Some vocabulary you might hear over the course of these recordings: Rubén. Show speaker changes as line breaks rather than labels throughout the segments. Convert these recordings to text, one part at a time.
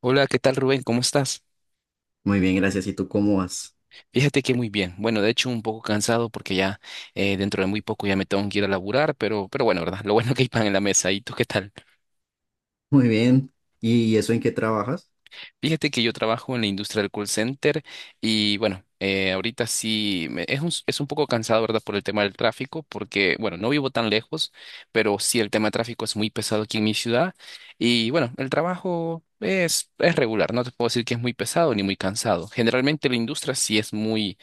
Hola, ¿qué tal Rubén? ¿Cómo estás?
Muy bien, gracias. ¿Y tú cómo vas?
Fíjate que muy bien. Bueno, de hecho un poco cansado porque ya dentro de muy poco ya me tengo que ir a laburar, pero bueno, ¿verdad? Lo bueno que hay pan en la mesa. ¿Y tú qué tal?
Muy bien. ¿Y eso en qué trabajas?
Fíjate que yo trabajo en la industria del call center y bueno, ahorita es un poco cansado, ¿verdad? Por el tema del tráfico, porque bueno, no vivo tan lejos, pero sí el tema de tráfico es muy pesado aquí en mi ciudad y bueno, el trabajo... Es regular, no te puedo decir que es muy pesado ni muy cansado. Generalmente la industria sí es muy.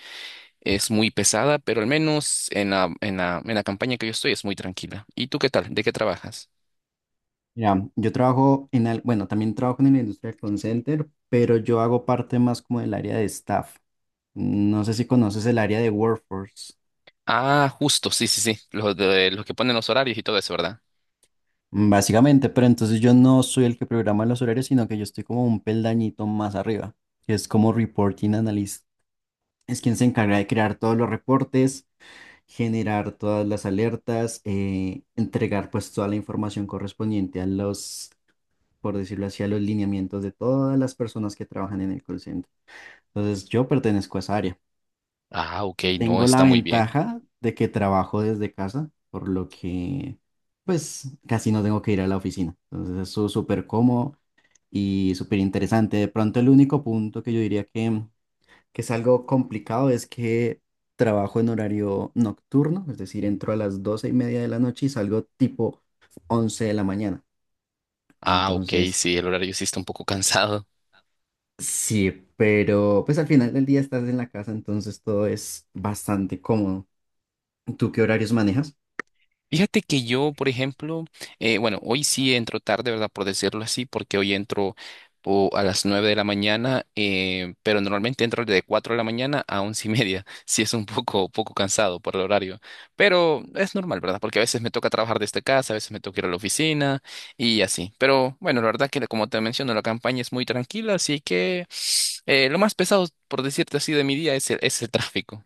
Es muy pesada, pero al menos en la campaña que yo estoy es muy tranquila. ¿Y tú qué tal? ¿De qué trabajas?
Mira, yo trabajo en, bueno, también trabajo en la industria del call center, pero yo hago parte más como del área de staff. No sé si conoces el área de workforce,
Ah, justo, sí, sí, sí. Los que ponen los horarios y todo eso, ¿verdad?
básicamente, pero entonces yo no soy el que programa los horarios, sino que yo estoy como un peldañito más arriba, que es como reporting analyst. Es quien se encarga de crear todos los reportes, generar todas las alertas, entregar pues toda la información correspondiente a los por decirlo así, a los lineamientos de todas las personas que trabajan en el call center. Entonces, yo pertenezco a esa área.
Ah, ok, no,
Tengo la
está muy bien.
ventaja de que trabajo desde casa, por lo que, pues, casi no tengo que ir a la oficina. Entonces, eso es súper cómodo y súper interesante. De pronto, el único punto que yo diría que es algo complicado es que trabajo en horario nocturno, es decir, entro a las 12:30 de la noche y salgo tipo 11 de la mañana.
Ah, ok,
Entonces,
sí, el horario sí está un poco cansado.
sí, pero pues al final del día estás en la casa, entonces todo es bastante cómodo. ¿Tú qué horarios manejas?
Fíjate que yo, por ejemplo, bueno, hoy sí entro tarde, ¿verdad? Por decirlo así, porque hoy entro a las 9 de la mañana, pero normalmente entro de 4 de la mañana a 11 y media. Sí es un poco cansado por el horario, pero es normal, ¿verdad? Porque a veces me toca trabajar desde casa, a veces me toca ir a la oficina y así. Pero bueno, la verdad que como te menciono, la campaña es muy tranquila, así que lo más pesado, por decirte así, de mi día es el tráfico.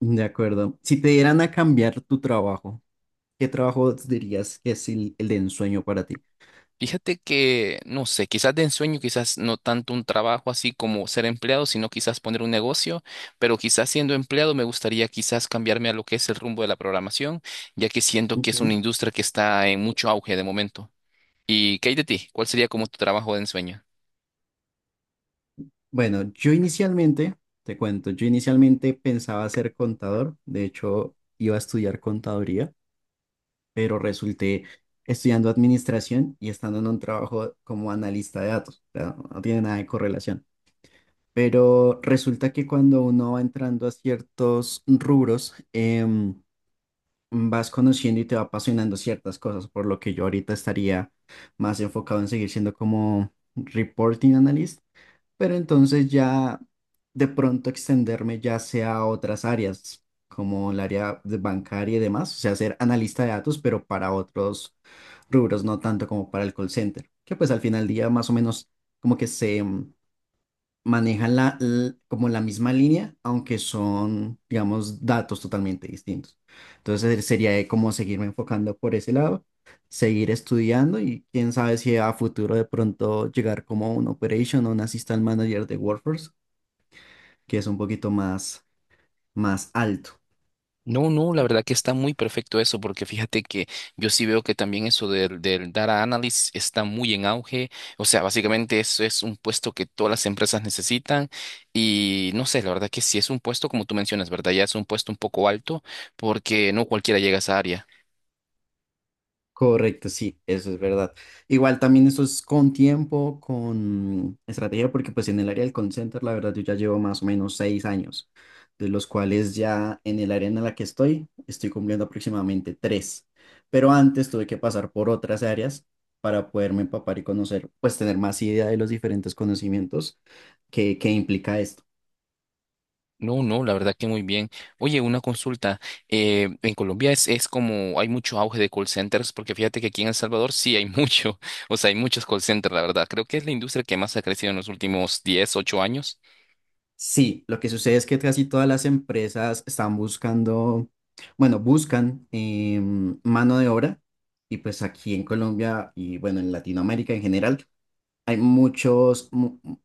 De acuerdo. Si te dieran a cambiar tu trabajo, ¿qué trabajo dirías que es el de ensueño para ti?
Fíjate que, no sé, quizás de ensueño, quizás no tanto un trabajo así como ser empleado, sino quizás poner un negocio, pero quizás siendo empleado me gustaría quizás cambiarme a lo que es el rumbo de la programación, ya que siento que
Ok.
es una industria que está en mucho auge de momento. ¿Y qué hay de ti? ¿Cuál sería como tu trabajo de ensueño?
Bueno, yo inicialmente, te cuento, yo inicialmente pensaba ser contador, de hecho iba a estudiar contaduría, pero resulté estudiando administración y estando en un trabajo como analista de datos, o sea, no tiene nada de correlación. Pero resulta que cuando uno va entrando a ciertos rubros, vas conociendo y te va apasionando ciertas cosas, por lo que yo ahorita estaría más enfocado en seguir siendo como reporting analyst, pero entonces ya de pronto extenderme ya sea a otras áreas, como el área de bancaria y demás, o sea, ser analista de datos, pero para otros rubros, no tanto como para el call center, que pues al final del día más o menos como que se manejan como la misma línea, aunque son, digamos, datos totalmente distintos. Entonces sería como seguirme enfocando por ese lado, seguir estudiando y quién sabe si a futuro de pronto llegar como un operation o un assistant manager de WordPress, que es un poquito más, más alto.
No, no, la verdad que está muy perfecto eso, porque fíjate que yo sí veo que también eso del data analyst está muy en auge. O sea, básicamente eso es un puesto que todas las empresas necesitan. Y no sé, la verdad que sí es un puesto, como tú mencionas, ¿verdad? Ya es un puesto un poco alto, porque no cualquiera llega a esa área.
Correcto, sí, eso es verdad. Igual también eso es con tiempo, con estrategia, porque pues en el área del call center, la verdad, yo ya llevo más o menos 6 años, de los cuales ya en el área en la que estoy, estoy cumpliendo aproximadamente tres. Pero antes tuve que pasar por otras áreas para poderme empapar y conocer, pues tener más idea de los diferentes conocimientos que implica esto.
No, no, la verdad que muy bien. Oye, una consulta. En Colombia es como hay mucho auge de call centers, porque fíjate que aquí en El Salvador sí hay mucho, o sea, hay muchos call centers, la verdad. Creo que es la industria que más ha crecido en los últimos 10, 8 años.
Sí, lo que sucede es que casi todas las empresas están buscando, bueno, buscan mano de obra y pues aquí en Colombia y bueno, en Latinoamérica en general hay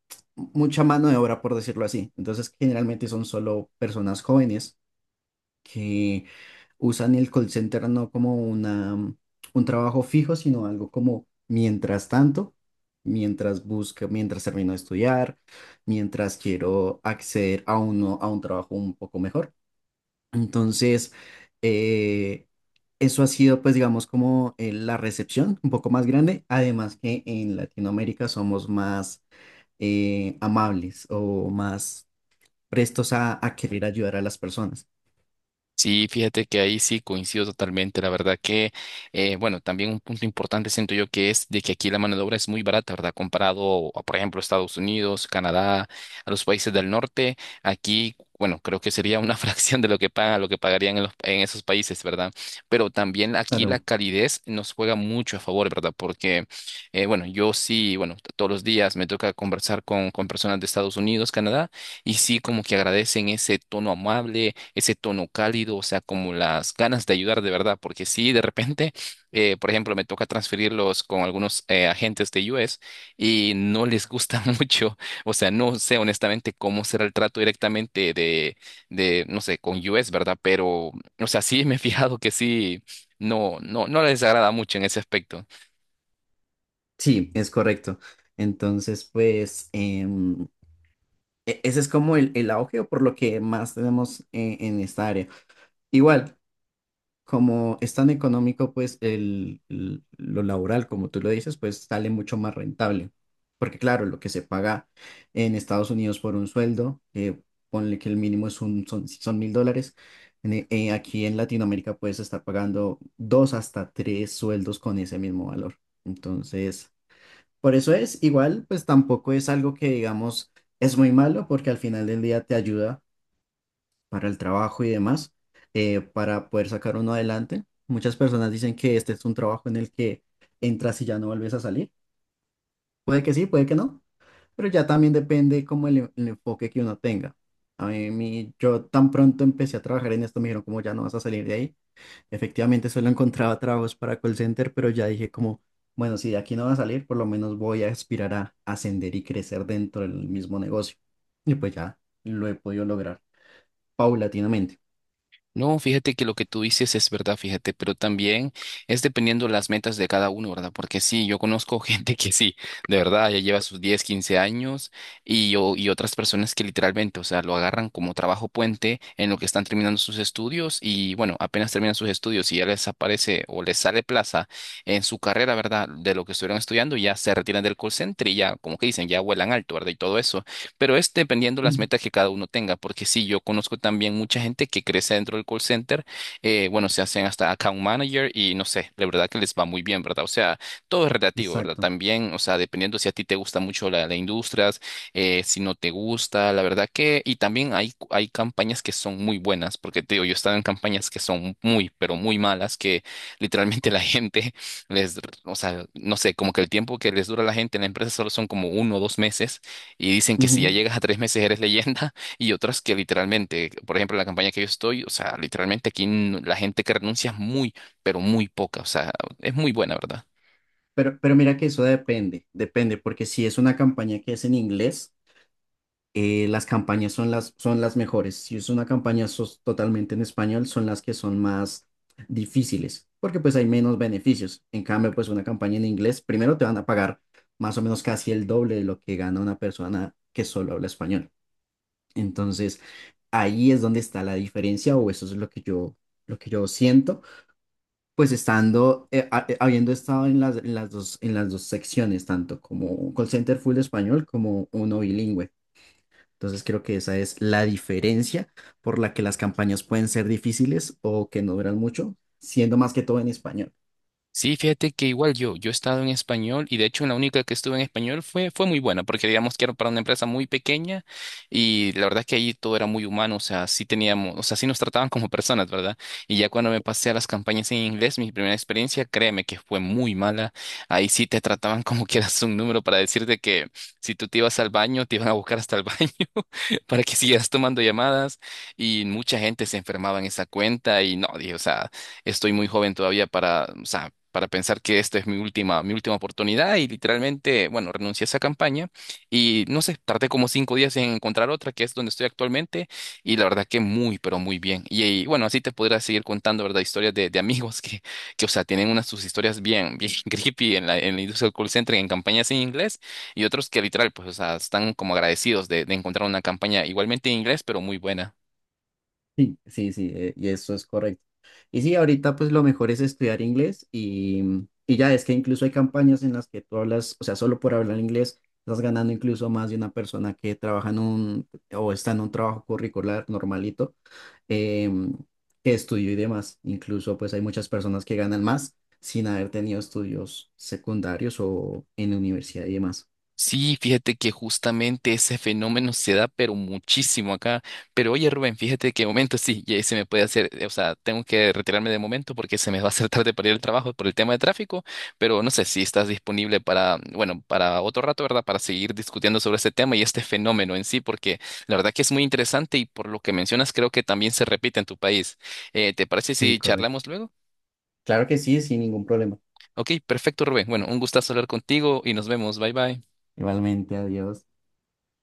mucha mano de obra por decirlo así. Entonces generalmente son solo personas jóvenes que usan el call center no como un trabajo fijo, sino algo como mientras tanto, mientras busco, mientras termino de estudiar, mientras quiero acceder a uno, a un trabajo un poco mejor. Entonces, eh, eso ha sido, pues, digamos, como la recepción un poco más grande. Además que en Latinoamérica somos más amables o más prestos a querer ayudar a las personas.
Sí, fíjate que ahí sí coincido totalmente. La verdad que, bueno, también un punto importante siento yo que es de que aquí la mano de obra es muy barata, ¿verdad? Comparado a, por ejemplo, Estados Unidos, Canadá, a los países del norte, aquí, bueno, creo que sería una fracción de lo que pagan, lo que pagarían en, en esos países, ¿verdad? Pero también aquí la
Claro.
calidez nos juega mucho a favor, ¿verdad? Porque, bueno, yo sí, bueno, todos los días me toca conversar con personas de Estados Unidos, Canadá. Y sí, como que agradecen ese tono amable, ese tono cálido, o sea, como las ganas de ayudar de verdad, porque sí, de repente, por ejemplo, me toca transferirlos con algunos agentes de US y no les gusta mucho, o sea, no sé honestamente cómo será el trato directamente de, no sé, con US, ¿verdad? Pero, o sea, sí me he fijado que sí, no, no, no les agrada mucho en ese aspecto.
Sí, es correcto. Entonces, pues, em, ese es como el, auge o por lo que más tenemos en esta área. Igual, como es tan económico, pues, lo laboral, como tú lo dices, pues sale mucho más rentable. Porque claro, lo que se paga en Estados Unidos por un sueldo, ponle que el mínimo es son $1,000. Aquí en Latinoamérica puedes estar pagando dos hasta tres sueldos con ese mismo valor. Entonces. Por eso es, igual, pues tampoco es algo que digamos es muy malo porque al final del día te ayuda para el trabajo y demás, para poder sacar uno adelante. Muchas personas dicen que este es un trabajo en el que entras y ya no vuelves a salir. Puede que sí, puede que no, pero ya también depende como el enfoque que uno tenga. A mí, yo tan pronto empecé a trabajar en esto, me dijeron como ya no vas a salir de ahí. Efectivamente, solo encontraba trabajos para call center, pero ya dije como, bueno, si de aquí no va a salir, por lo menos voy a aspirar a ascender y crecer dentro del mismo negocio. Y pues ya lo he podido lograr paulatinamente.
No, fíjate que lo que tú dices es verdad, fíjate, pero también es dependiendo las metas de cada uno, ¿verdad? Porque sí, yo conozco gente que sí, de verdad, ya lleva sus 10, 15 años y, o y otras personas que literalmente, o sea, lo agarran como trabajo puente en lo que están terminando sus estudios y bueno, apenas terminan sus estudios y ya les aparece o les sale plaza en su carrera, ¿verdad? De lo que estuvieron estudiando, ya se retiran del call center y ya, como que dicen, ya vuelan alto, ¿verdad? Y todo eso. Pero es dependiendo las metas que cada uno tenga, porque sí, yo conozco también mucha gente que crece dentro del call center, bueno, se hacen hasta account manager y no sé, la verdad que les va muy bien, ¿verdad? O sea, todo es relativo, ¿verdad?
Exacto.
También, o sea, dependiendo si a ti te gusta mucho la industria, si no te gusta, la verdad que, y también hay campañas que son muy buenas, porque te digo, yo he estado en campañas que son muy, pero muy malas, que literalmente la gente les, o sea, no sé, como que el tiempo que les dura a la gente en la empresa solo son como uno o dos meses y dicen que si ya
Ujú.
llegas a tres meses eres leyenda y otras que literalmente, por ejemplo, la campaña que yo estoy, o sea, literalmente aquí la gente que renuncia es muy, pero muy poca, o sea, es muy buena, ¿verdad?
Pero mira que eso depende, depende, porque si es una campaña que es en inglés, las campañas son son las mejores. Si es una campaña totalmente en español, son las que son más difíciles, porque pues hay menos beneficios. En cambio, pues una campaña en inglés, primero te van a pagar más o menos casi el doble de lo que gana una persona que solo habla español. Entonces, ahí es donde está la diferencia, o eso es lo que yo siento, pues estando, habiendo estado en en las dos secciones, tanto como call center full español como uno bilingüe. Entonces creo que esa es la diferencia por la que las campañas pueden ser difíciles o que no duran mucho, siendo más que todo en español.
Sí, fíjate que igual yo, yo he estado en español y de hecho la única que estuve en español fue muy buena porque digamos que era para una empresa muy pequeña y la verdad que ahí todo era muy humano, o sea, sí teníamos, o sea, sí nos trataban como personas, ¿verdad? Y ya cuando me pasé a las campañas en inglés, mi primera experiencia, créeme que fue muy mala, ahí sí te trataban como que eras un número para decirte que si tú te ibas al baño, te iban a buscar hasta el baño para que siguieras tomando llamadas y mucha gente se enfermaba en esa cuenta y no, dije, o sea estoy muy joven todavía para, o sea, para pensar que esta es mi última oportunidad y literalmente, bueno, renuncié a esa campaña y no sé, tardé como cinco días en encontrar otra que es donde estoy actualmente y la verdad que muy, pero muy bien. Y, bueno, así te podría seguir contando, ¿verdad? Historias de amigos que, o sea, tienen unas sus historias bien, bien creepy en la industria del call center, en campañas en inglés y otros que literal, pues, o sea, están como agradecidos de encontrar una campaña igualmente en inglés, pero muy buena.
Sí, sí, sí, y eso es correcto. Y sí, ahorita pues lo mejor es estudiar inglés y ya es que incluso hay campañas en las que tú hablas, o sea, solo por hablar inglés estás ganando incluso más de una persona que trabaja en un o está en un trabajo curricular normalito em, que estudió y demás. Incluso pues hay muchas personas que ganan más sin haber tenido estudios secundarios o en universidad y demás.
Sí, fíjate que justamente ese fenómeno se da, pero muchísimo acá. Pero oye, Rubén, fíjate que de momento sí, ya se me puede hacer, o sea, tengo que retirarme de momento porque se me va a hacer tarde para ir al trabajo por el tema de tráfico, pero no sé si estás disponible para, bueno, para otro rato, ¿verdad? Para seguir discutiendo sobre este tema y este fenómeno en sí, porque la verdad que es muy interesante y por lo que mencionas creo que también se repite en tu país. ¿Te parece
Sí,
si
correcto.
charlamos luego?
Claro que sí, sin ningún problema.
Ok, perfecto, Rubén. Bueno, un gustazo hablar contigo y nos vemos. Bye bye.
Igualmente, adiós.